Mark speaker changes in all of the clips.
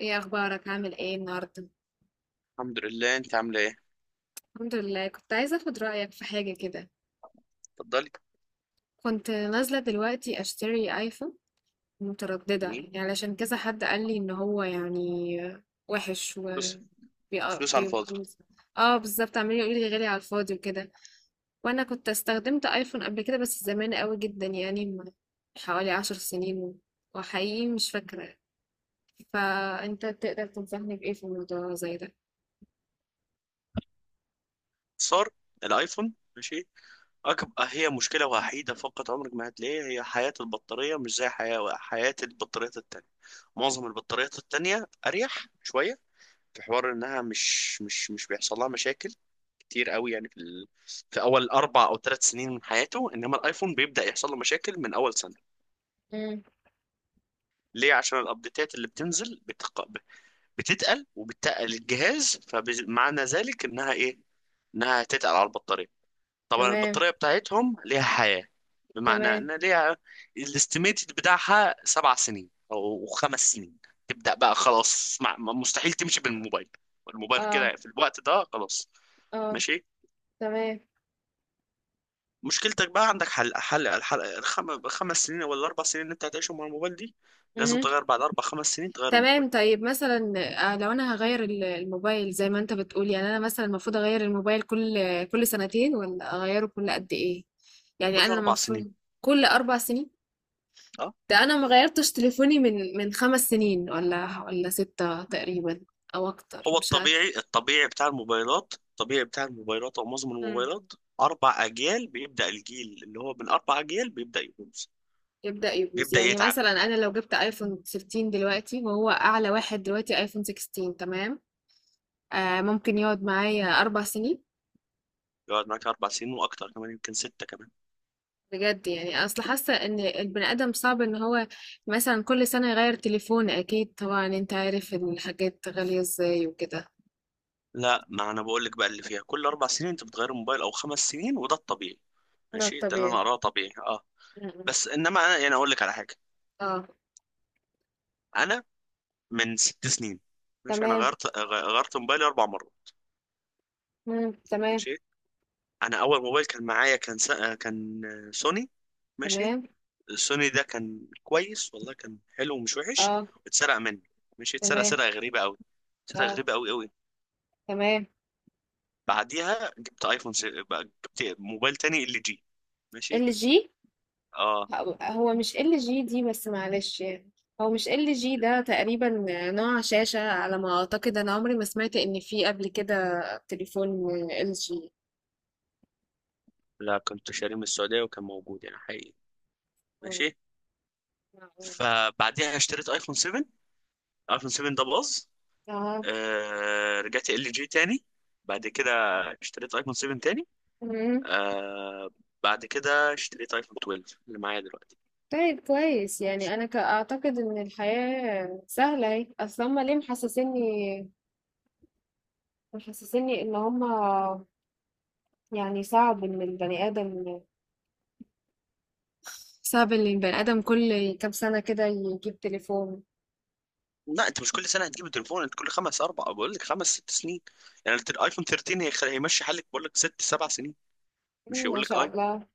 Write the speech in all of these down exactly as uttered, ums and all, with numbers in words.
Speaker 1: ايه اخبارك عامل ايه النهارده؟
Speaker 2: الحمد لله، انت عامله ايه؟
Speaker 1: الحمد لله، كنت عايزه اخد رايك في حاجه كده.
Speaker 2: اتفضلي.
Speaker 1: كنت نازله دلوقتي اشتري ايفون. متردده
Speaker 2: جميل.
Speaker 1: يعني، علشان كذا حد قال لي ان هو يعني وحش. و
Speaker 2: فلوس.
Speaker 1: بي... آه،
Speaker 2: فلوس على
Speaker 1: بي...
Speaker 2: الفاضي.
Speaker 1: اه، بالظبط، عمال يقول لي غالي على الفاضي وكده. وانا كنت استخدمت ايفون قبل كده، بس زمان قوي جدا، يعني من حوالي عشر سنين. وحقيقي مش فاكره. فانت تقدر تنصحني بايه في الموضوع زي ده؟
Speaker 2: صار. الايفون ماشي. اكبر هي مشكله وحيده، فقط عمرك ما هتلاقيها، هي حياه البطاريه مش زي حياه حياه البطاريات التانية. معظم البطاريات التانية اريح شويه. في حوار انها مش مش مش بيحصل لها مشاكل كتير قوي يعني في ال... في اول اربع او ثلاث سنين من حياته، انما الايفون بيبدا يحصل له مشاكل من اول سنه.
Speaker 1: امم.
Speaker 2: ليه؟ عشان الابديتات اللي بتنزل بتق... بتتقل، وبتتقل الجهاز، فمعنى ذلك انها ايه؟ انها هتتقل على البطاريه. طبعا
Speaker 1: تمام.
Speaker 2: البطاريه بتاعتهم ليها حياه، بمعنى
Speaker 1: تمام.
Speaker 2: ان ليها الاستيميتد بتاعها سبع سنين او خمس سنين. تبدا بقى خلاص، مع- مستحيل تمشي بالموبايل، الموبايل
Speaker 1: اه.
Speaker 2: كده في الوقت ده خلاص.
Speaker 1: اه.
Speaker 2: ماشي.
Speaker 1: تمام.
Speaker 2: مشكلتك بقى عندك حل حل الحل، الخم... الخمس سنين ولا الاربع سنين اللي انت هتعيشهم مع الموبايل دي. لازم
Speaker 1: مهم.
Speaker 2: تغير بعد اربع خمس سنين، تغير الموبايل
Speaker 1: تمام، طيب مثلا. آه، لو انا هغير ال- الموبايل زي ما انت بتقول، يعني انا مثلا المفروض اغير الموبايل كل كل سنتين ولا اغيره كل قد ايه؟ يعني
Speaker 2: كل
Speaker 1: انا
Speaker 2: اربع سنين.
Speaker 1: المفروض. كل اربع سنين.
Speaker 2: اه.
Speaker 1: ده انا ما غيرتش تليفوني من من خمس سنين ولا ولا ستة تقريبا، او اكتر
Speaker 2: هو
Speaker 1: مش عارف.
Speaker 2: الطبيعي الطبيعي بتاع الموبايلات الطبيعي بتاع الموبايلات او معظم
Speaker 1: مم.
Speaker 2: الموبايلات، اربع اجيال بيبدا، الجيل اللي هو من اربع اجيال بيبدا يبوظ،
Speaker 1: يبدأ يبوظ،
Speaker 2: بيبدا
Speaker 1: يعني
Speaker 2: يتعب.
Speaker 1: مثلا انا لو جبت ايفون ثلاثة عشر دلوقتي، وهو اعلى واحد دلوقتي ايفون ستاشر، تمام. آه، ممكن يقعد معايا اربع سنين؟
Speaker 2: يقعد معاك اربع سنين واكتر، كمان يمكن سته كمان.
Speaker 1: بجد؟ يعني اصل حاسه ان البني ادم صعب ان هو مثلا كل سنه يغير تليفون، اكيد طبعا انت عارف إن الحاجات غاليه ازاي وكده.
Speaker 2: لا، ما انا بقول لك بقى اللي فيها كل اربع سنين انت بتغير الموبايل او خمس سنين، وده الطبيعي
Speaker 1: ده
Speaker 2: ماشي، ده اللي انا
Speaker 1: طبيعي.
Speaker 2: اقراه طبيعي، اه.
Speaker 1: م-م.
Speaker 2: بس انما انا يعني اقول لك على حاجه.
Speaker 1: اه.
Speaker 2: انا من ست سنين ماشي، انا
Speaker 1: تمام.
Speaker 2: غيرت غ- غيرت موبايلي اربع مرات.
Speaker 1: مم. تمام.
Speaker 2: ماشي. انا اول موبايل كان معايا، كان سا... كان سوني. ماشي.
Speaker 1: تمام.
Speaker 2: السوني ده كان كويس والله، كان حلو ومش وحش،
Speaker 1: اه.
Speaker 2: واتسرق مني. ماشي، اتسرق
Speaker 1: تمام.
Speaker 2: سرقة غريبة قوي، سرقة
Speaker 1: اه.
Speaker 2: غريبة قوي قوي.
Speaker 1: تمام.
Speaker 2: بعديها جبت ايفون س... بقى جبت موبايل تاني، ال جي. ماشي.
Speaker 1: ال جي.
Speaker 2: اه.
Speaker 1: هو مش ال جي دي، بس معلش يعني، هو مش ال جي ده تقريبا. نوع شاشه، على ما اعتقد، انا عمري ما سمعت ان في قبل كده تليفون ال جي.
Speaker 2: لا، كنت شاريه من السعودية وكان موجود يعني، حقيقي. ماشي. فبعديها اشتريت ايفون سبعة. ايفون سبعة ده باظ.
Speaker 1: اه.
Speaker 2: آه... رجعت ال جي تاني، بعد كده اشتريت ايفون سبعة تاني.
Speaker 1: مم.
Speaker 2: آه... بعد كده اشتريت ايفون اتناشر اللي معايا دلوقتي.
Speaker 1: طيب كويس، يعني انا ك- اعتقد ان الحياة سهلة اهي. اصل هما ليه محسسيني محسسيني ان هما، يعني صعب ان البني ادم، صعب ان البني ادم كل كام سنة كده يجيب تليفون.
Speaker 2: لا، انت مش كل سنه هتجيب تليفون، انت كل خمس اربع، بقول لك خمس ست سنين. يعني الت- الايفون تلتاشر هيخ- هيمشي حالك، بقول لك ست سبع سنين،
Speaker 1: مم،
Speaker 2: مش هيقول
Speaker 1: ما
Speaker 2: لك
Speaker 1: شاء
Speaker 2: اي.
Speaker 1: الله.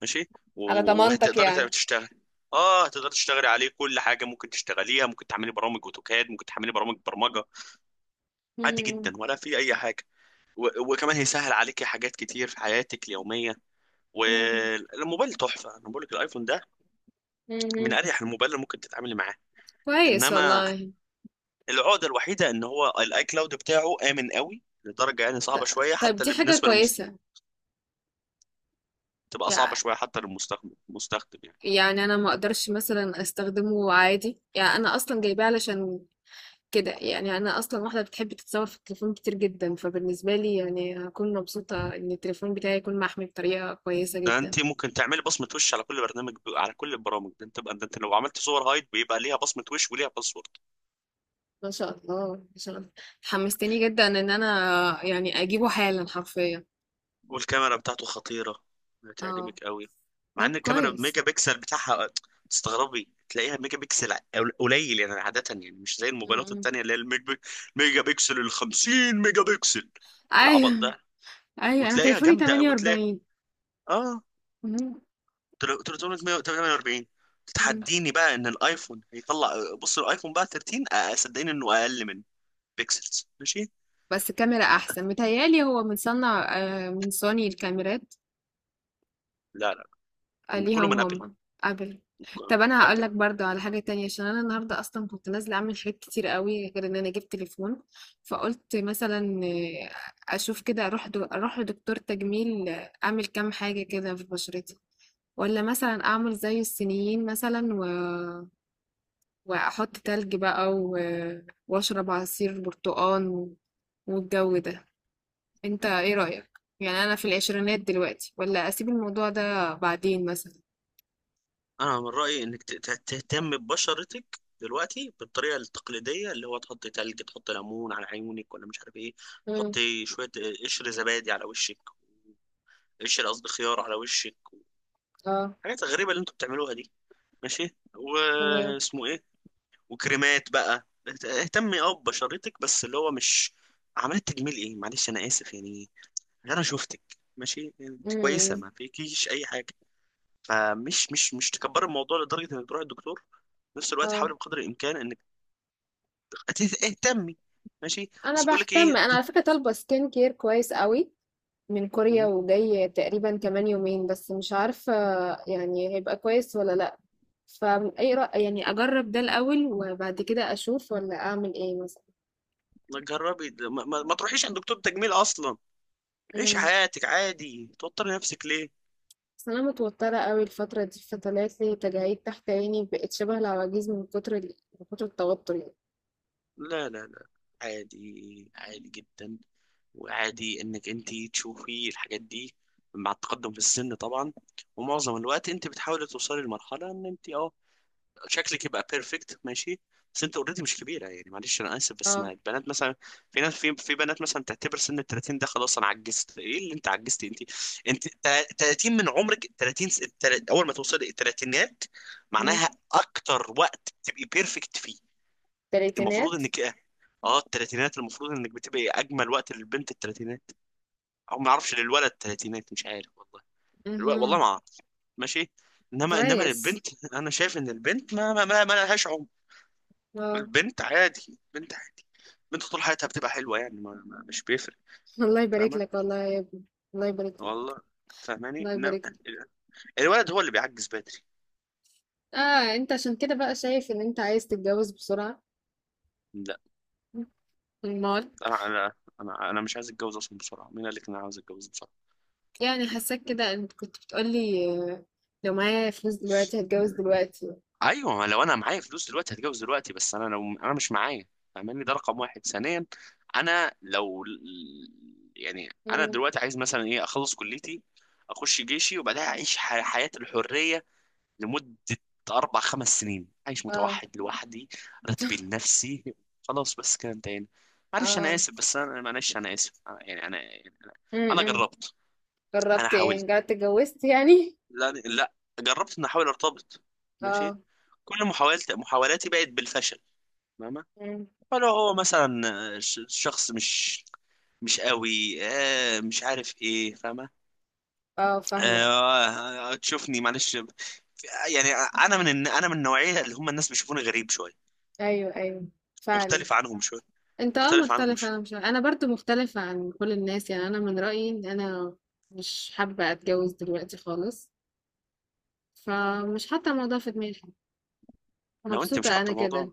Speaker 2: ماشي.
Speaker 1: على
Speaker 2: و-
Speaker 1: ضمانتك
Speaker 2: وهتقدري تعملي-
Speaker 1: يعني.
Speaker 2: تشتغلي اه، هتقدري تشتغلي عليه كل حاجه، ممكن تشتغليها، ممكن تعملي برامج اوتوكاد، ممكن تعملي برامج برمجه، عادي جدا،
Speaker 1: مم،
Speaker 2: ولا في اي حاجه. و- وكمان هيسهل عليكي حاجات كتير في حياتك اليوميه،
Speaker 1: مم،
Speaker 2: والموبايل تحفه. انا بقول لك الايفون ده من
Speaker 1: مم.
Speaker 2: اريح الموبايل اللي ممكن تتعاملي معاه.
Speaker 1: كويس
Speaker 2: انما
Speaker 1: والله.
Speaker 2: العقدة الوحيدة ان هو الاي كلاود بتاعه آمن قوي لدرجة يعني صعبة
Speaker 1: ط-
Speaker 2: شوية،
Speaker 1: طيب،
Speaker 2: حتى
Speaker 1: دي
Speaker 2: اللي
Speaker 1: حاجة
Speaker 2: بالنسبة للمست...
Speaker 1: كويسة.
Speaker 2: تبقى صعبة
Speaker 1: يع-
Speaker 2: شوية حتى للمستخدم المستخدم يعني،
Speaker 1: يعني انا ما اقدرش مثلا استخدمه عادي، يعني انا اصلا جايباه علشان كده، يعني انا اصلا واحده بتحب تتصور في التليفون كتير جدا، فبالنسبه لي يعني هكون مبسوطه ان التليفون بتاعي يكون محمي بطريقه كويسه
Speaker 2: ده
Speaker 1: جدا.
Speaker 2: انت ممكن تعملي بصمة وش على كل برنامج ب... على كل البرامج. ده انت بقى، ده انت لو عملت صور هايد بيبقى ليها بصمة وش وليها باسورد.
Speaker 1: ما شاء الله، ما شاء الله. حمستني جدا ان انا يعني اجيبه حالا حرفيا.
Speaker 2: والكاميرا بتاعته خطيرة،
Speaker 1: اه.
Speaker 2: هتعجبك قوي، مع
Speaker 1: طب
Speaker 2: ان الكاميرا
Speaker 1: كويس.
Speaker 2: بميجا بكسل بتاعها، تستغربي تلاقيها ميجا بكسل قل- قليل يعني، عادة يعني، مش زي
Speaker 1: م-
Speaker 2: الموبايلات
Speaker 1: م.
Speaker 2: التانية اللي هي الميجا بكسل ال الخمسين ميجا بكسل والعبط
Speaker 1: ايوه،
Speaker 2: ده،
Speaker 1: ايوه، انا
Speaker 2: وتلاقيها
Speaker 1: تليفوني
Speaker 2: جامدة، وتلاقيها
Speaker 1: تمنية واربعين.
Speaker 2: اه
Speaker 1: م-
Speaker 2: تل- تلتمية وتمانية واربعين،
Speaker 1: م.
Speaker 2: تتحديني بقى ان الايفون هيطلع. بص الايفون بقى تلتاشر، آه، صدقني انه اقل من بيكسلز ماشي.
Speaker 1: بس الكاميرا احسن، متهيالي هو من صنع آه، من سوني الكاميرات.
Speaker 2: لا لا،
Speaker 1: آه،
Speaker 2: من كله،
Speaker 1: ليهم
Speaker 2: من ابل،
Speaker 1: هم. قبل.
Speaker 2: من ك-
Speaker 1: طب انا هقول
Speaker 2: ابل.
Speaker 1: لك برضو على حاجه تانية، عشان انا النهارده اصلا كنت نازله اعمل حاجات كتير قوي غير ان انا جبت تليفون. فقلت مثلا آه، اشوف كده، اروح دو... اروح لدكتور تجميل، آه، اعمل كام حاجه كده في بشرتي. ولا مثلا اعمل زي الصينيين مثلا، و... واحط تلج بقى، و... واشرب عصير برتقال، و- والجو ده. انت ايه رايك؟ يعني انا في العشرينات دلوقتي، ولا اسيب الموضوع ده بعدين مثلا؟
Speaker 2: انا من رايي انك ت- ت- تهتم ببشرتك دلوقتي بالطريقه التقليديه، اللي هو تحط تلج، تحط ليمون على عيونك، ولا مش عارف ايه،
Speaker 1: امم.
Speaker 2: تحطي شويه آه، قشر زبادي على وشك، قشر قصدي خيار على وشك.
Speaker 1: اه.
Speaker 2: حاجات غريبه اللي انتوا بتعملوها دي ماشي،
Speaker 1: تمام.
Speaker 2: واسمه إيه؟ وكريمات بقى. اهتمي اه ببشرتك، بس اللي هو مش عملت تجميل ايه، معلش انا اسف يعني، انا شفتك ماشي، يعني انت كويسه،
Speaker 1: امم.
Speaker 2: ما فيكيش اي حاجه، فمش مش مش تكبر الموضوع لدرجه انك تروح الدكتور. في نفس الوقت
Speaker 1: اه.
Speaker 2: حاولي بقدر الامكان انك ت- اهتمي. ماشي.
Speaker 1: انا
Speaker 2: اصل بيقول لك ايه؟
Speaker 1: بهتم، انا على فكره طالبه سكين كير كويس قوي من كوريا،
Speaker 2: مم،
Speaker 1: وجاي تقريبا كمان يومين. بس مش عارفه يعني هيبقى كويس ولا لا، فاي رأي يعني؟ اجرب ده الاول وبعد كده اشوف، ولا اعمل ايه مثلا؟
Speaker 2: ما تجربي ما, ما, ما تروحيش عند دكتور تجميل اصلا، عيشي
Speaker 1: امم.
Speaker 2: حياتك عادي، توتري نفسك ليه؟
Speaker 1: بس انا متوتره قوي الفتره دي، فطلعت لي تجاعيد تحت عيني بقت شبه العواجيز من كتر ال- من كتر التوتر يعني.
Speaker 2: لا لا لا، عادي، عادي جدا، وعادي انك انت تشوفي الحاجات دي مع التقدم في السن طبعا. ومعظم الوقت انت بتحاولي توصلي لمرحله ان انت اه شكلك يبقى بيرفكت ماشي. بس انت اوريدي مش كبيره يعني، معلش انا اسف، بس ما
Speaker 1: اه.
Speaker 2: البنات مثلا، في ناس، في في بنات مثلا تعتبر سن ال التلاتين ده خلاص انا عجزت، ايه اللي انت عجزتي انت؟ انت تا- تلاتين من عمرك، تلاتين س- التل- اول ما توصلي الثلاثينات
Speaker 1: امم.
Speaker 2: معناها اكتر وقت تبقي بيرفكت فيه. المفروض
Speaker 1: تلاتينات.
Speaker 2: انك اه الثلاثينات المفروض انك بتبقي اجمل وقت، للبنت الثلاثينات، او ما اعرفش للولد تلاتينات، مش عارف والله، الو... والله
Speaker 1: امم.
Speaker 2: ما اعرف. ماشي. انما انما
Speaker 1: كويس.
Speaker 2: للبنت انا شايف ان البنت ما ما ما, ما لهاش عمر.
Speaker 1: اه.
Speaker 2: البنت عادي، البنت عادي، البنت طول حياتها بتبقى حلوه يعني، ما... ما مش بيفرق.
Speaker 1: الله يبارك
Speaker 2: فاهمه؟
Speaker 1: لك، والله يا ابني. الله يبارك لك.
Speaker 2: والله فاهماني،
Speaker 1: الله
Speaker 2: انما
Speaker 1: يبارك لك.
Speaker 2: الولد هو اللي بيعجز بدري.
Speaker 1: اه، انت عشان كده بقى شايف ان انت عايز تتجوز بسرعة؟
Speaker 2: لا،
Speaker 1: المال.
Speaker 2: انا، انا انا, أنا مش عايز اتجوز اصلا بسرعه، مين قال لك ان انا عاوز اتجوز بسرعه؟
Speaker 1: يعني حاساك كده، انت كنت بتقولي آه، لو معايا فلوس دلوقتي هتجوز دلوقتي.
Speaker 2: ايوه، ما لو انا معايا فلوس دلوقتي هتجوز دلوقتي، بس انا لو انا مش معايا، فاهماني؟ ده رقم واحد. ثانيا، انا لو، يعني انا
Speaker 1: مم.
Speaker 2: دلوقتي عايز مثلا ايه، اخلص كليتي، اخش جيشي، وبعدها اعيش ح- حياة الحرية لمدة اربع خمس سنين، عايش
Speaker 1: اه.
Speaker 2: متوحد لوحدي، راتبي لنفسي، خلاص بس كده انتهينا. معلش انا
Speaker 1: اه.
Speaker 2: اسف، بس انا معلش انا اسف، أنا- يعني انا يعني انا أنا
Speaker 1: امم.
Speaker 2: جربت. انا
Speaker 1: جربت ايه؟
Speaker 2: حاولت.
Speaker 1: جربت اتجوزت يعني؟
Speaker 2: لا لا، جربت ان احاول ارتبط. ماشي.
Speaker 1: اه.
Speaker 2: كل محاولت محاولاتي بقت بالفشل، فاهمة؟
Speaker 1: مم.
Speaker 2: فلو هو مثلا ش- شخص مش مش قوي، آه مش عارف ايه، فاهمة؟
Speaker 1: اه. فاهمة.
Speaker 2: آه تشوفني، معلش يعني، انا من الن- انا من النوعية اللي هم الناس بيشوفوني غريب شوية،
Speaker 1: ايوه، ايوه، فعلا.
Speaker 2: مختلف عنهم شوية.
Speaker 1: انت اه
Speaker 2: مختلف عنهم
Speaker 1: مختلف،
Speaker 2: شوية.
Speaker 1: انا مش انا برضو مختلفة عن كل الناس، يعني انا من رأيي ان انا مش حابة اتجوز دلوقتي خالص، فمش حاطة الموضوع في دماغي،
Speaker 2: لو انت مش
Speaker 1: مبسوطة
Speaker 2: حاطه
Speaker 1: انا كده.
Speaker 2: الموضوع،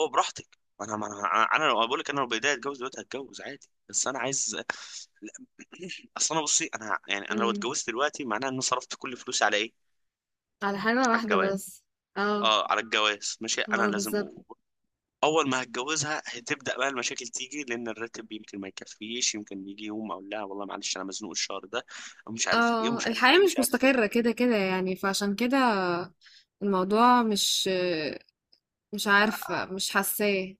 Speaker 2: هو براحتك، ما انا ما انا انا لو بقول لك، انا لو بايديا اتجوز دلوقتي هتجوز عادي، بس انا عايز، لا، اصل انا، بصي، انا يعني انا لو
Speaker 1: إمم.
Speaker 2: اتجوزت دلوقتي معناها اني صرفت كل فلوسي على ايه؟
Speaker 1: على حاجة
Speaker 2: على
Speaker 1: واحدة
Speaker 2: الجواز.
Speaker 1: بس. آه.
Speaker 2: اه، على الجواز، ماشي. انا
Speaker 1: آه،
Speaker 2: لازم
Speaker 1: بالضبط.
Speaker 2: أ- اول ما هتجوزها هتبدا بقى المشاكل تيجي، لان الراتب يمكن ما يكفيش، يمكن يجي يوم اقول لها والله معلش انا مزنوق الشهر ده، او مش عارف ايه،
Speaker 1: آه،
Speaker 2: ومش عارف
Speaker 1: الحياة
Speaker 2: ايه، ومش
Speaker 1: مش
Speaker 2: عارف ايه.
Speaker 1: مستقرة كده، كده يعني، فعشان كده الموضوع مش، مش
Speaker 2: آه،
Speaker 1: عارفة، مش حاساه.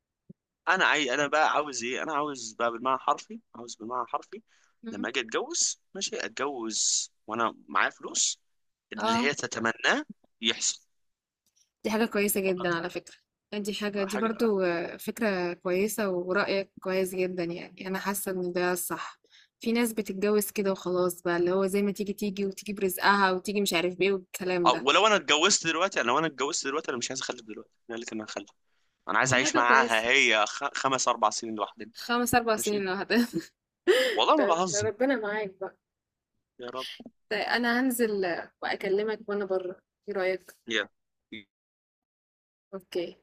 Speaker 2: انا، عاي... انا بقى عاوز ايه؟ انا عاوز بقى بالمعنى الحرفي، عاوز بالمعنى الحرفي
Speaker 1: إمم.
Speaker 2: لما اجي اتجوز، ماشي، اتجوز وانا معايا فلوس، اللي هي
Speaker 1: آه،
Speaker 2: تتمناه يحصل،
Speaker 1: دي حاجة كويسة
Speaker 2: فقط
Speaker 1: جدًا، على فكرة. دي حاجة، دي
Speaker 2: حاجه.
Speaker 1: برضه فكرة كويسة، ورأيك كويس جدًا يعني، أنا حاسة إن ده الصح. في ناس بتتجوز كده وخلاص بقى، اللي هو زي ما تيجي، تيجي، وتيجي برزقها، وتيجي مش عارف بإيه والكلام
Speaker 2: أو،
Speaker 1: ده.
Speaker 2: ولو انا اتجوزت دلوقتي، انا لو انا اتجوزت دلوقتي انا مش عايز اخلف دلوقتي، انا قلت انا هخلف. انا عايز
Speaker 1: دي
Speaker 2: اعيش
Speaker 1: حاجة
Speaker 2: معاها
Speaker 1: كويسة.
Speaker 2: هي خ... خمس اربع سنين لوحدنا.
Speaker 1: خمس، اربعة سنين
Speaker 2: ماشي،
Speaker 1: لوحدها.
Speaker 2: والله ما
Speaker 1: طب
Speaker 2: بهزر.
Speaker 1: ربنا معاك بقى.
Speaker 2: يا رب.
Speaker 1: ده أنا هانزل وأكلمك وأنا برّه. إيه رأيك؟
Speaker 2: يا
Speaker 1: أوكي.